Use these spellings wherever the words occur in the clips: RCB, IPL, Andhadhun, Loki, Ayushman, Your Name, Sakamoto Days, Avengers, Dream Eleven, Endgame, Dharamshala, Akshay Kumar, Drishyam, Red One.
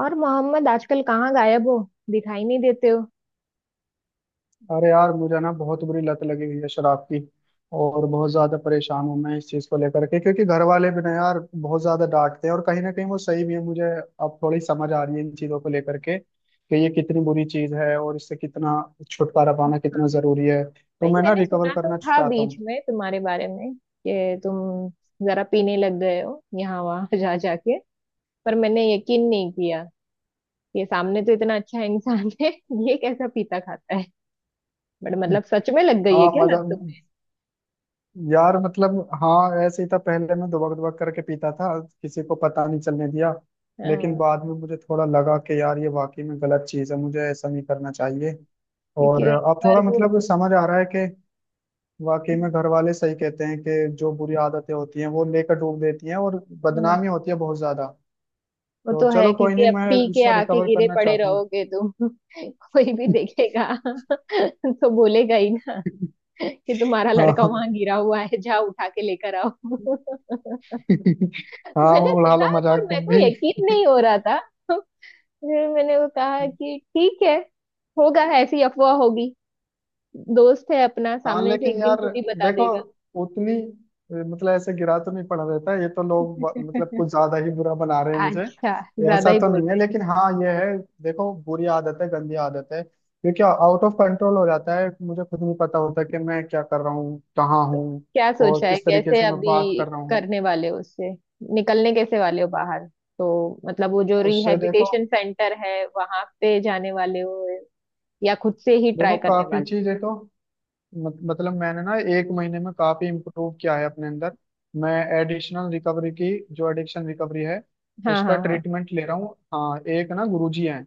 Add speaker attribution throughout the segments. Speaker 1: और मोहम्मद आजकल कहाँ गायब हो? दिखाई नहीं देते हो।
Speaker 2: अरे यार, मुझे ना बहुत बुरी लत लगी हुई है शराब की। और बहुत ज्यादा परेशान हूँ मैं इस चीज को लेकर के, क्योंकि घर वाले भी ना यार बहुत ज्यादा डांटते हैं, और कहीं ना कहीं वो सही भी है। मुझे अब थोड़ी समझ आ रही है इन चीजों को लेकर के कि ये कितनी बुरी चीज है और इससे कितना छुटकारा पाना कितना
Speaker 1: हाँ।
Speaker 2: जरूरी है। तो
Speaker 1: भाई
Speaker 2: मैं ना
Speaker 1: मैंने
Speaker 2: रिकवर
Speaker 1: सुना तो
Speaker 2: करना
Speaker 1: था
Speaker 2: चाहता
Speaker 1: बीच
Speaker 2: हूँ।
Speaker 1: में तुम्हारे बारे में कि तुम जरा पीने लग गए हो यहाँ वहाँ जा जाके, पर मैंने यकीन नहीं किया। ये सामने तो इतना अच्छा इंसान है, ये कैसा पीता खाता है। बट मतलब सच में लग गई है
Speaker 2: हाँ,
Speaker 1: क्या लत
Speaker 2: मजा।
Speaker 1: तुम्हें?
Speaker 2: यार मतलब, हाँ ऐसे ही था। पहले मैं दुबक दुबक करके पीता था, किसी को पता नहीं चलने दिया। लेकिन
Speaker 1: हाँ,
Speaker 2: बाद में मुझे थोड़ा लगा कि यार ये वाकई में गलत चीज़ है, मुझे ऐसा नहीं करना चाहिए।
Speaker 1: क्योंकि
Speaker 2: और
Speaker 1: एक
Speaker 2: अब
Speaker 1: बार
Speaker 2: थोड़ा
Speaker 1: वो।
Speaker 2: मतलब समझ आ रहा है कि वाकई में घर वाले सही कहते हैं कि जो बुरी आदतें होती हैं वो लेकर डूब देती हैं, और
Speaker 1: हम्म,
Speaker 2: बदनामी होती है बहुत ज्यादा।
Speaker 1: वो
Speaker 2: तो
Speaker 1: तो
Speaker 2: चलो
Speaker 1: है
Speaker 2: कोई
Speaker 1: क्योंकि
Speaker 2: नहीं,
Speaker 1: अब
Speaker 2: मैं
Speaker 1: पी के
Speaker 2: इससे
Speaker 1: आके
Speaker 2: रिकवर
Speaker 1: गिरे
Speaker 2: करना
Speaker 1: पड़े
Speaker 2: चाहता हूँ।
Speaker 1: रहोगे तुम कोई भी देखेगा तो बोलेगा ही ना कि तुम्हारा लड़का
Speaker 2: हाँ।
Speaker 1: वहां गिरा हुआ है, जाओ उठा के लेकर आओ।
Speaker 2: हाँ,
Speaker 1: मैंने
Speaker 2: उड़ा
Speaker 1: सुना
Speaker 2: लो
Speaker 1: है पर
Speaker 2: मजाक
Speaker 1: मेरे
Speaker 2: तुम
Speaker 1: को
Speaker 2: भी।
Speaker 1: यकीन नहीं हो रहा था। फिर मैंने वो कहा कि ठीक है, होगा ऐसी अफवाह होगी। दोस्त है अपना,
Speaker 2: हाँ
Speaker 1: सामने से
Speaker 2: लेकिन
Speaker 1: एक दिन
Speaker 2: यार,
Speaker 1: खुद ही बता
Speaker 2: देखो
Speaker 1: देगा।
Speaker 2: उतनी मतलब ऐसे गिरा तो नहीं पड़ा रहता है। ये तो लोग मतलब कुछ ज्यादा ही बुरा बना रहे हैं मुझे।
Speaker 1: अच्छा,
Speaker 2: ये
Speaker 1: ज्यादा
Speaker 2: ऐसा
Speaker 1: ही
Speaker 2: तो
Speaker 1: बोल
Speaker 2: नहीं है,
Speaker 1: रहे हैं।
Speaker 2: लेकिन हाँ ये है, देखो बुरी आदत है, गंदी आदत है, क्योंकि आउट ऑफ कंट्रोल हो जाता है, मुझे खुद नहीं पता होता कि मैं क्या कर रहा हूँ, कहाँ
Speaker 1: तो
Speaker 2: हूँ
Speaker 1: क्या
Speaker 2: और
Speaker 1: सोचा है
Speaker 2: किस तरीके
Speaker 1: कैसे
Speaker 2: से मैं बात
Speaker 1: अभी
Speaker 2: कर रहा हूँ।
Speaker 1: करने वाले हो उससे? निकलने कैसे वाले हो बाहर? तो मतलब वो जो
Speaker 2: उससे देखो।
Speaker 1: रिहैबिलिटेशन सेंटर है वहां पे जाने वाले हो या खुद से ही
Speaker 2: देखो
Speaker 1: ट्राई करने
Speaker 2: काफी
Speaker 1: वाले?
Speaker 2: चीजें तो मत, मतलब मैंने ना एक महीने में काफी इम्प्रूव किया है अपने अंदर। मैं एडिशनल रिकवरी की, जो एडिक्शन रिकवरी है,
Speaker 1: हाँ
Speaker 2: उसका
Speaker 1: हाँ हाँ।
Speaker 2: ट्रीटमेंट ले रहा हूँ। हाँ, एक ना गुरुजी हैं,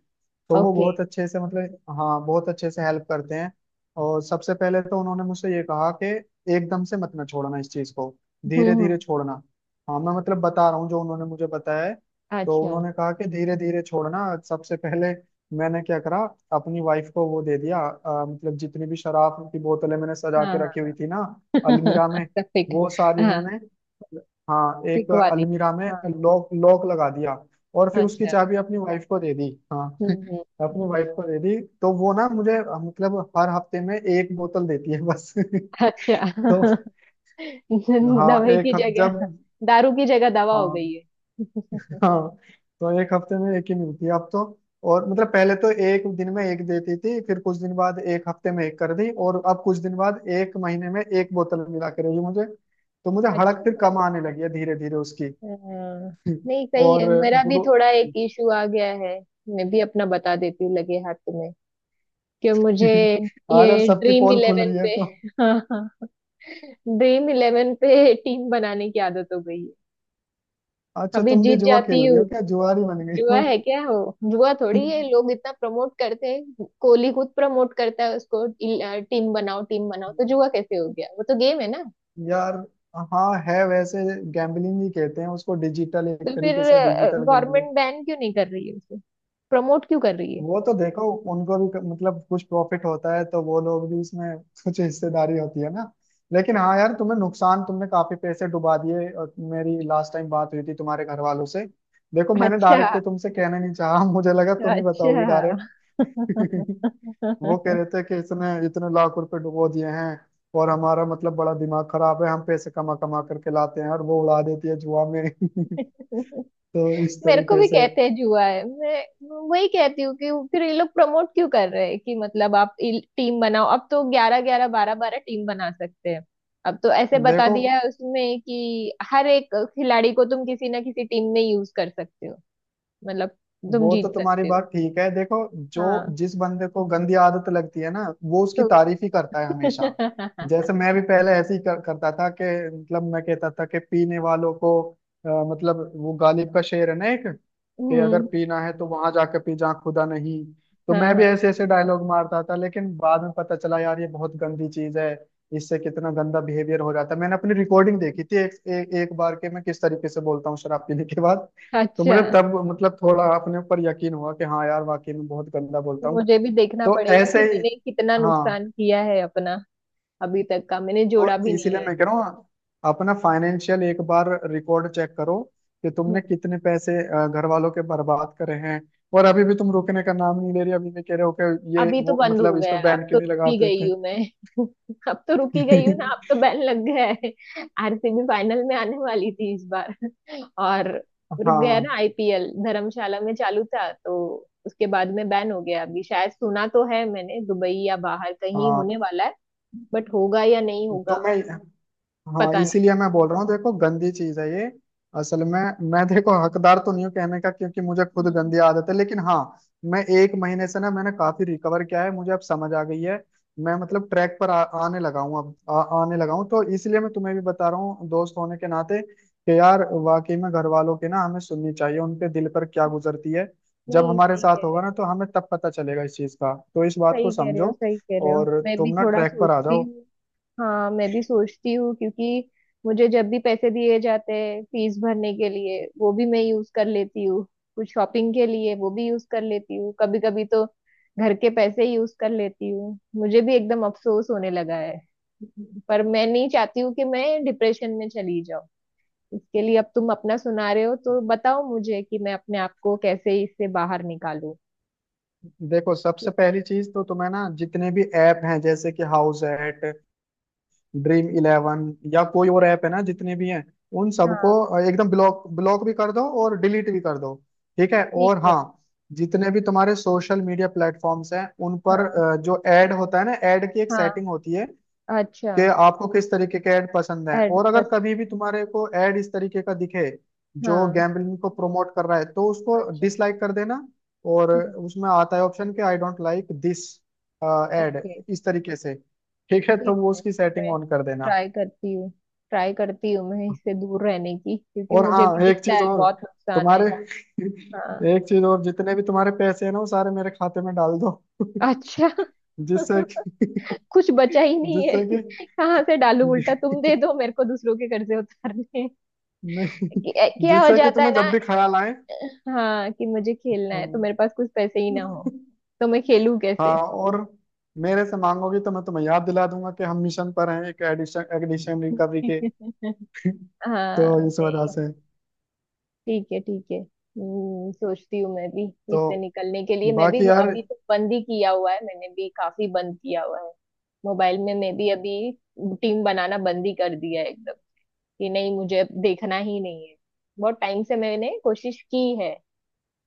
Speaker 2: तो वो
Speaker 1: ओके।
Speaker 2: बहुत अच्छे से मतलब, हाँ बहुत अच्छे से हेल्प करते हैं। और सबसे पहले तो उन्होंने मुझसे ये कहा कि एकदम से मत ना छोड़ना इस चीज को, धीरे
Speaker 1: हम्म।
Speaker 2: धीरे छोड़ना। हाँ मैं मतलब बता रहा हूँ जो उन्होंने मुझे बताया है। तो
Speaker 1: अच्छा।
Speaker 2: उन्होंने कहा कि धीरे धीरे छोड़ना। सबसे पहले मैंने क्या करा, अपनी वाइफ को वो दे दिया। मतलब जितनी भी शराब की बोतलें मैंने सजा
Speaker 1: हाँ
Speaker 2: के रखी हुई थी ना,
Speaker 1: हाँ।
Speaker 2: अलमीरा में,
Speaker 1: पिक।
Speaker 2: वो सारी
Speaker 1: हाँ।
Speaker 2: मैंने, हाँ एक
Speaker 1: पिक वाली।
Speaker 2: अलमीरा में
Speaker 1: हाँ।
Speaker 2: लॉक लॉक लगा दिया, और फिर उसकी
Speaker 1: अच्छा।
Speaker 2: चाबी अपनी वाइफ को दे दी। हाँ
Speaker 1: हम्म हम्म हम्म,
Speaker 2: अपनी वाइफ को दे दी, तो वो ना मुझे मतलब हर हफ्ते में एक बोतल देती है बस।
Speaker 1: अच्छा।
Speaker 2: तो हाँ,
Speaker 1: दवाई की
Speaker 2: एक हफ- जब
Speaker 1: जगह। दारू की जगह दवा हो
Speaker 2: हाँ
Speaker 1: गई है।
Speaker 2: हाँ, तो एक हफ्ते में एक ही मिलती है अब तो। और मतलब पहले तो एक दिन में एक देती थी, फिर कुछ दिन बाद एक हफ्ते में एक कर दी, और अब कुछ दिन बाद एक महीने में एक बोतल मिला करेगी मुझे। तो मुझे हड़क
Speaker 1: अच्छी
Speaker 2: फिर
Speaker 1: बात
Speaker 2: कम
Speaker 1: है।
Speaker 2: आने लगी है धीरे धीरे उसकी।
Speaker 1: हाँ, नहीं सही
Speaker 2: और
Speaker 1: है। मेरा भी
Speaker 2: गुरु।
Speaker 1: थोड़ा एक इशू आ गया है। मैं भी अपना बता देती हूँ लगे हाथ तुम्हें, कि मुझे
Speaker 2: आज अब
Speaker 1: ये
Speaker 2: सबकी
Speaker 1: ड्रीम
Speaker 2: पोल खुल
Speaker 1: इलेवन
Speaker 2: रही है
Speaker 1: पे।
Speaker 2: तो।
Speaker 1: हाँ, ड्रीम इलेवन पे टीम बनाने की आदत हो गई है।
Speaker 2: अच्छा,
Speaker 1: अभी
Speaker 2: तुम भी
Speaker 1: जीत
Speaker 2: जुआ खेल
Speaker 1: जाती
Speaker 2: रही
Speaker 1: हूँ।
Speaker 2: हो क्या, जुआरी बन गई
Speaker 1: जुआ
Speaker 2: हो?
Speaker 1: है क्या हो? जुआ थोड़ी है, लोग इतना प्रमोट करते हैं, कोहली खुद प्रमोट करता है उसको। टीम बनाओ टीम बनाओ, तो जुआ कैसे हो गया? वो तो गेम है ना।
Speaker 2: यार, हाँ है वैसे। गैम्बलिंग ही कहते हैं उसको, डिजिटल एक
Speaker 1: तो फिर
Speaker 2: तरीके से, डिजिटल।
Speaker 1: गवर्नमेंट बैन क्यों नहीं कर रही है उसे? प्रमोट क्यों कर रही है?
Speaker 2: वो तो देखो उनको भी मतलब कुछ प्रॉफिट होता है, तो वो लोग भी इसमें कुछ हिस्सेदारी होती है ना। लेकिन हाँ यार, तुम्हें नुकसान, तुमने काफी पैसे डुबा दिए, और मेरी लास्ट टाइम बात हुई थी तुम्हारे घर वालों से। देखो मैंने
Speaker 1: अच्छा।
Speaker 2: डायरेक्ट तो तुमसे कहना नहीं चाहा मुझे लगा तुम ही बताओगी
Speaker 1: अच्छा।
Speaker 2: डायरेक्ट। वो कह रहे थे कि इसने इतने लाख रुपए डुबो दिए हैं, और हमारा मतलब बड़ा दिमाग खराब है, हम पैसे कमा कमा करके लाते हैं और वो उड़ा देती है जुआ में। तो इस
Speaker 1: मेरे को
Speaker 2: तरीके
Speaker 1: भी
Speaker 2: से।
Speaker 1: कहते हैं जुआ है, मैं वही कहती हूँ कि फिर ये लोग प्रमोट क्यों कर रहे हैं, कि मतलब आप टीम बनाओ, अब तो ग्यारह ग्यारह बारह बारह टीम बना सकते हैं। अब तो ऐसे बता
Speaker 2: देखो,
Speaker 1: दिया है उसमें कि हर एक खिलाड़ी को तुम किसी ना किसी टीम में यूज कर सकते हो। मतलब तुम
Speaker 2: वो तो
Speaker 1: जीत
Speaker 2: तुम्हारी
Speaker 1: सकते हो।
Speaker 2: बात ठीक है। देखो, जो
Speaker 1: हाँ।
Speaker 2: जिस बंदे को गंदी आदत लगती है ना, वो उसकी
Speaker 1: तो
Speaker 2: तारीफ ही करता है हमेशा। जैसे मैं भी पहले ऐसे ही करता था कि मतलब मैं कहता था कि पीने वालों को, मतलब वो गालिब का शेर है ना एक, कि अगर
Speaker 1: हम्म।
Speaker 2: पीना है तो वहां जाके पी जहाँ खुदा नहीं। तो
Speaker 1: हाँ
Speaker 2: मैं भी
Speaker 1: हाँ।
Speaker 2: ऐसे ऐसे डायलॉग मारता था, लेकिन बाद में पता चला यार ये बहुत गंदी चीज है। इससे कितना गंदा बिहेवियर हो जाता है। मैंने अपनी रिकॉर्डिंग देखी थी एक बार के, मैं किस तरीके से बोलता हूँ शराब पीने के बाद। तो
Speaker 1: अच्छा,
Speaker 2: मुझे तब मतलब थोड़ा अपने ऊपर यकीन हुआ कि हाँ यार वाकई में बहुत गंदा बोलता हूँ।
Speaker 1: मुझे भी देखना
Speaker 2: तो
Speaker 1: पड़ेगा
Speaker 2: ऐसे
Speaker 1: कि
Speaker 2: ही।
Speaker 1: मैंने कितना
Speaker 2: हाँ,
Speaker 1: नुकसान किया है अपना। अभी तक का मैंने जोड़ा
Speaker 2: तो
Speaker 1: भी नहीं
Speaker 2: इसीलिए
Speaker 1: है।
Speaker 2: मैं कह रहा हूँ, अपना फाइनेंशियल एक बार रिकॉर्ड चेक करो, कि तुमने
Speaker 1: हम्म।
Speaker 2: कितने पैसे घर वालों के बर्बाद करे हैं। और अभी भी तुम रुकने का नाम नहीं ले रही, अभी भी कह रहे हो कि ये
Speaker 1: अभी तो
Speaker 2: वो
Speaker 1: बंद हो
Speaker 2: मतलब इस
Speaker 1: गया
Speaker 2: पर
Speaker 1: है, अब
Speaker 2: बैन
Speaker 1: तो
Speaker 2: क्यों नहीं लगा
Speaker 1: रुकी गई
Speaker 2: देते।
Speaker 1: हूँ मैं। अब तो रुकी गई हूँ ना, अब तो बैन लग गया है। आरसीबी फाइनल में आने वाली थी इस बार और रुक गया
Speaker 2: हाँ
Speaker 1: ना। आईपीएल धर्मशाला में चालू था, तो उसके बाद में बैन हो गया। अभी शायद सुना तो है मैंने, दुबई या बाहर कहीं
Speaker 2: हाँ,
Speaker 1: होने वाला है, बट होगा या नहीं होगा
Speaker 2: तो मैं, हाँ
Speaker 1: पता नहीं।
Speaker 2: इसीलिए मैं बोल रहा हूँ, देखो गंदी चीज है ये। असल में मैं देखो हकदार तो नहीं हूँ कहने का, क्योंकि मुझे खुद
Speaker 1: हम्म।
Speaker 2: गंदी आदत है, लेकिन हाँ, मैं एक महीने से ना, मैंने काफी रिकवर किया है, मुझे अब समझ आ गई है। मैं मतलब ट्रैक पर आने लगा हूँ, अब आने लगा हूँ, तो इसलिए मैं तुम्हें भी बता रहा हूँ दोस्त होने के नाते, कि यार वाकई में घर वालों की ना हमें सुननी चाहिए, उनके दिल पर क्या गुजरती है। जब
Speaker 1: नहीं
Speaker 2: हमारे
Speaker 1: सही कह
Speaker 2: साथ
Speaker 1: रहे
Speaker 2: होगा
Speaker 1: हो,
Speaker 2: ना तो हमें तब पता चलेगा इस चीज का, तो इस बात
Speaker 1: सही
Speaker 2: को
Speaker 1: कह रहे हो,
Speaker 2: समझो।
Speaker 1: सही कह रहे हो।
Speaker 2: और
Speaker 1: मैं भी
Speaker 2: तुम ना
Speaker 1: थोड़ा
Speaker 2: ट्रैक पर आ
Speaker 1: सोचती
Speaker 2: जाओ।
Speaker 1: हूँ। हाँ मैं भी सोचती हूँ, क्योंकि मुझे जब भी पैसे दिए जाते हैं फीस भरने के लिए, वो भी मैं यूज कर लेती हूँ। कुछ शॉपिंग के लिए वो भी यूज कर लेती हूँ कभी कभी, तो घर के पैसे यूज कर लेती हूँ। मुझे भी एकदम अफसोस होने लगा है। पर मैं नहीं चाहती हूँ कि मैं डिप्रेशन में चली जाऊँ। इसके लिए अब तुम अपना सुना रहे हो, तो बताओ मुझे कि मैं अपने आप को कैसे इससे बाहर निकालूं।
Speaker 2: देखो, सबसे
Speaker 1: कुछ।
Speaker 2: पहली चीज तो तुम्हें ना जितने भी ऐप हैं, जैसे कि हाउस एट, ड्रीम इलेवन या कोई और ऐप है ना, जितने भी हैं उन
Speaker 1: हाँ।
Speaker 2: सबको एकदम ब्लॉक ब्लॉक भी कर दो और डिलीट भी कर दो। ठीक है?
Speaker 1: ठीक
Speaker 2: और
Speaker 1: है।
Speaker 2: हाँ, जितने भी तुम्हारे सोशल मीडिया प्लेटफॉर्म्स हैं उन पर
Speaker 1: हाँ
Speaker 2: जो ऐड होता है ना, ऐड की एक
Speaker 1: हाँ।
Speaker 2: सेटिंग होती है
Speaker 1: अच्छा।
Speaker 2: कि आपको किस तरीके के ऐड पसंद है,
Speaker 1: एड
Speaker 2: और अगर
Speaker 1: पसंद।
Speaker 2: कभी भी तुम्हारे को ऐड इस तरीके का दिखे जो
Speaker 1: हाँ।
Speaker 2: गैम्बलिंग को प्रमोट कर रहा है, तो उसको
Speaker 1: अच्छा।
Speaker 2: डिसलाइक कर देना। और
Speaker 1: हम्म।
Speaker 2: उसमें आता है ऑप्शन, कि I don't like this ad,
Speaker 1: okay.
Speaker 2: इस तरीके से। ठीक है, तो
Speaker 1: ठीक
Speaker 2: वो
Speaker 1: है।
Speaker 2: उसकी सेटिंग
Speaker 1: मैं
Speaker 2: ऑन कर देना।
Speaker 1: ट्राई करती हूँ। ट्राई करती हूँ मैं इससे दूर रहने की, क्योंकि
Speaker 2: और
Speaker 1: मुझे भी
Speaker 2: हाँ एक
Speaker 1: दिखता
Speaker 2: चीज
Speaker 1: है
Speaker 2: और,
Speaker 1: बहुत नुकसान है।
Speaker 2: तुम्हारे
Speaker 1: हाँ।
Speaker 2: एक चीज और, जितने भी तुम्हारे पैसे हैं ना, वो सारे मेरे खाते में डाल दो,
Speaker 1: अच्छा।
Speaker 2: जिससे कि
Speaker 1: कुछ बचा ही नहीं है।
Speaker 2: जिससे कि
Speaker 1: कहाँ से डालू? उल्टा तुम दे दो मेरे को दूसरों के कर्जे उतारने।
Speaker 2: नहीं,
Speaker 1: क्या हो
Speaker 2: जिससे कि
Speaker 1: जाता
Speaker 2: तुम्हें
Speaker 1: है ना।
Speaker 2: जब भी ख्याल आए।
Speaker 1: हाँ, कि मुझे खेलना
Speaker 2: हाँ।
Speaker 1: है तो मेरे पास कुछ पैसे ही ना हो, तो मैं खेलूं
Speaker 2: हाँ,
Speaker 1: कैसे?
Speaker 2: और मेरे से मांगोगी तो मैं तुम्हें याद दिला दूंगा कि हम मिशन पर हैं, एक एडिशन एडिशन रिकवरी के। तो
Speaker 1: हाँ।
Speaker 2: इस वजह से।
Speaker 1: ठीक है ठीक है। सोचती हूँ मैं भी
Speaker 2: तो
Speaker 1: इससे निकलने के लिए। मैं भी
Speaker 2: बाकी यार,
Speaker 1: अभी तो बंद ही किया हुआ है, मैंने भी काफी बंद किया हुआ है। मोबाइल में मैं भी अभी टीम बनाना बंद ही कर दिया है एकदम, कि नहीं मुझे अब देखना ही नहीं है। बहुत टाइम से मैंने कोशिश की है,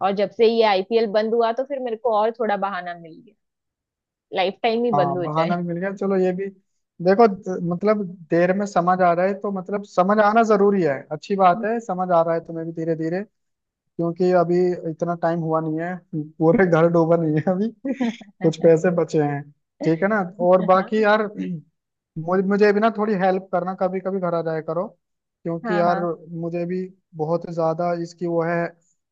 Speaker 1: और जब से ये आईपीएल बंद हुआ तो फिर मेरे को और थोड़ा बहाना मिल गया। लाइफ टाइम ही
Speaker 2: हाँ
Speaker 1: बंद हो
Speaker 2: बहाना
Speaker 1: जाए।
Speaker 2: भी मिल गया, चलो ये भी। देखो मतलब देर में समझ आ रहा है, तो मतलब समझ आना जरूरी है, अच्छी बात है, समझ आ रहा है तुम्हें भी धीरे धीरे। क्योंकि अभी इतना टाइम हुआ नहीं है, पूरे घर डूबा नहीं है अभी, कुछ पैसे बचे हैं। ठीक है ना। और
Speaker 1: हाँ।
Speaker 2: बाकी यार, मुझे मुझे भी ना थोड़ी हेल्प करना, कभी कभी घर आ जाया करो, क्योंकि
Speaker 1: हाँ
Speaker 2: यार
Speaker 1: हाँ।
Speaker 2: मुझे भी बहुत ज्यादा इसकी वो है,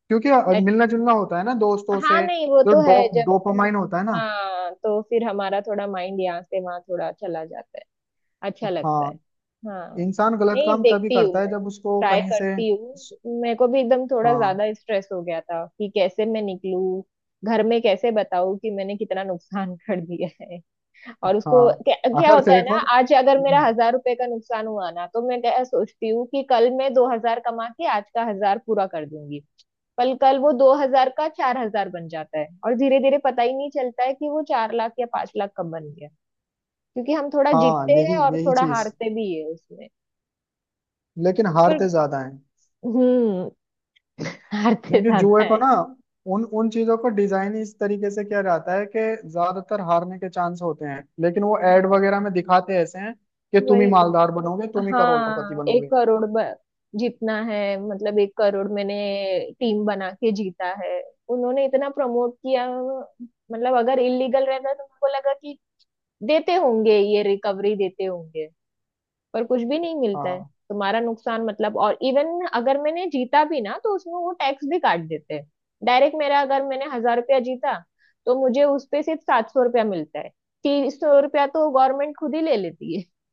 Speaker 2: क्योंकि मिलना जुलना होता है ना दोस्तों
Speaker 1: हाँ
Speaker 2: से,
Speaker 1: नहीं, वो
Speaker 2: जो
Speaker 1: तो है, जब
Speaker 2: डोपामाइन होता है ना।
Speaker 1: हाँ तो फिर हमारा थोड़ा माइंड यहाँ से वहाँ थोड़ा चला जाता है। अच्छा लगता है।
Speaker 2: हाँ,
Speaker 1: हाँ।
Speaker 2: इंसान गलत
Speaker 1: नहीं,
Speaker 2: काम तभी
Speaker 1: देखती
Speaker 2: करता
Speaker 1: हूँ
Speaker 2: है
Speaker 1: मैं।
Speaker 2: जब उसको
Speaker 1: ट्राई
Speaker 2: कहीं से।
Speaker 1: करती हूँ। मेरे को भी एकदम थोड़ा
Speaker 2: हाँ
Speaker 1: ज्यादा स्ट्रेस हो गया था कि कैसे मैं निकलूँ, घर में कैसे बताऊँ कि मैंने कितना नुकसान कर दिया है। और उसको
Speaker 2: हाँ,
Speaker 1: क्या
Speaker 2: अगर
Speaker 1: होता है ना,
Speaker 2: देखो,
Speaker 1: आज अगर मेरा 1,000 रुपए का नुकसान हुआ ना, तो मैं क्या सोचती हूँ कि कल मैं 2,000 कमा के आज का 1,000 पूरा कर दूंगी। पर कल वो 2,000 का 4,000 बन जाता है, और धीरे धीरे पता ही नहीं चलता है कि वो 4 लाख या 5 लाख कब बन गया। क्योंकि हम थोड़ा
Speaker 2: हाँ
Speaker 1: जीतते
Speaker 2: यही
Speaker 1: हैं और
Speaker 2: यही
Speaker 1: थोड़ा
Speaker 2: चीज,
Speaker 1: हारते भी है उसमें।
Speaker 2: लेकिन
Speaker 1: पर
Speaker 2: हारते ज्यादा हैं,
Speaker 1: हम्म, हारते
Speaker 2: क्योंकि
Speaker 1: ज्यादा
Speaker 2: जुए को
Speaker 1: है।
Speaker 2: ना, उन उन चीजों को डिजाइन ही इस तरीके से किया जाता है कि ज्यादातर हारने के चांस होते हैं, लेकिन वो एड
Speaker 1: हाँ,
Speaker 2: वगैरह में दिखाते ऐसे हैं कि तुम ही
Speaker 1: वही तो।
Speaker 2: मालदार बनोगे, तुम ही करोड़पति
Speaker 1: हाँ, एक
Speaker 2: बनोगे।
Speaker 1: करोड़ जीतना है। मतलब 1 करोड़ मैंने टीम बना के जीता है। उन्होंने इतना प्रमोट किया, मतलब अगर इलीगल रहता तो उनको लगा कि देते होंगे, ये रिकवरी देते होंगे, पर कुछ भी नहीं मिलता है।
Speaker 2: हाँ,
Speaker 1: तुम्हारा नुकसान मतलब, और इवन अगर मैंने जीता भी ना, तो उसमें वो टैक्स भी काट देते हैं डायरेक्ट। मेरा अगर मैंने 1,000 रुपया जीता, तो मुझे उस पे सिर्फ 700 रुपया मिलता है। 300 रुपया तो गवर्नमेंट खुद ही ले लेती है।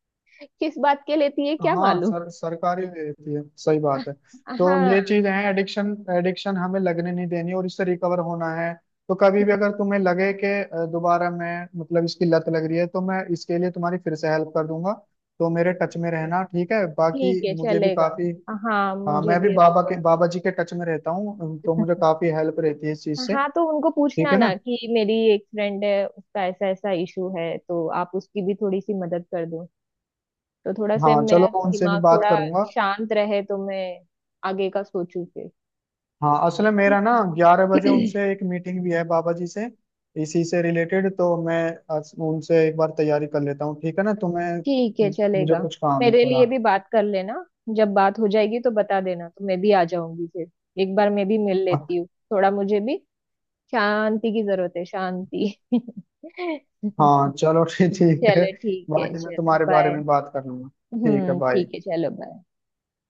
Speaker 1: किस बात के लेती है क्या
Speaker 2: हाँ
Speaker 1: मालूम।
Speaker 2: सर सरकारी भी रहती है, सही बात है। तो ये
Speaker 1: हाँ।
Speaker 2: चीज है, एडिक्शन एडिक्शन हमें लगने नहीं देनी और इससे रिकवर होना है। तो कभी भी
Speaker 1: ठीक
Speaker 2: अगर तुम्हें लगे कि दोबारा मैं मतलब इसकी लत लग रही है, तो मैं इसके लिए तुम्हारी फिर से हेल्प कर दूंगा। तो मेरे टच में
Speaker 1: है।
Speaker 2: रहना। ठीक है,
Speaker 1: ठीक
Speaker 2: बाकी
Speaker 1: है
Speaker 2: मुझे भी
Speaker 1: चलेगा।
Speaker 2: काफी।
Speaker 1: हाँ
Speaker 2: हाँ,
Speaker 1: मुझे
Speaker 2: मैं भी
Speaker 1: भी अभी
Speaker 2: बाबा
Speaker 1: थोड़ा।
Speaker 2: के बाबा जी के टच में रहता हूँ, तो मुझे काफी हेल्प रहती है इस चीज से।
Speaker 1: हाँ, तो उनको
Speaker 2: ठीक
Speaker 1: पूछना
Speaker 2: है
Speaker 1: ना
Speaker 2: ना।
Speaker 1: कि मेरी एक फ्रेंड है, उसका ऐसा ऐसा इशू है, तो आप उसकी भी थोड़ी सी मदद कर दो। तो थोड़ा से
Speaker 2: हाँ चलो,
Speaker 1: मेरा
Speaker 2: मैं उनसे भी
Speaker 1: दिमाग
Speaker 2: बात
Speaker 1: थोड़ा
Speaker 2: करूंगा।
Speaker 1: शांत रहे, तो मैं आगे का सोचूं फिर।
Speaker 2: हाँ असल में मेरा ना
Speaker 1: ठीक।
Speaker 2: 11 बजे उनसे एक मीटिंग भी है बाबा जी से, इसी से रिलेटेड। तो मैं उनसे एक बार तैयारी कर लेता हूँ। ठीक है ना
Speaker 1: ठीक
Speaker 2: तुम्हें,
Speaker 1: है
Speaker 2: मुझे
Speaker 1: चलेगा।
Speaker 2: कुछ काम है
Speaker 1: मेरे
Speaker 2: थोड़ा।
Speaker 1: लिए भी बात कर लेना। जब बात हो जाएगी तो बता देना, तो मैं भी आ जाऊंगी फिर। एक बार मैं भी मिल लेती हूँ, थोड़ा मुझे भी शांति की जरूरत है, शांति।
Speaker 2: हाँ चलो ठीक ठीक है।
Speaker 1: चलो ठीक है,
Speaker 2: बाकी मैं
Speaker 1: चलो
Speaker 2: तुम्हारे बारे
Speaker 1: बाय।
Speaker 2: में बात कर लूंगा। ठीक है, बाय।
Speaker 1: ठीक है, चलो बाय।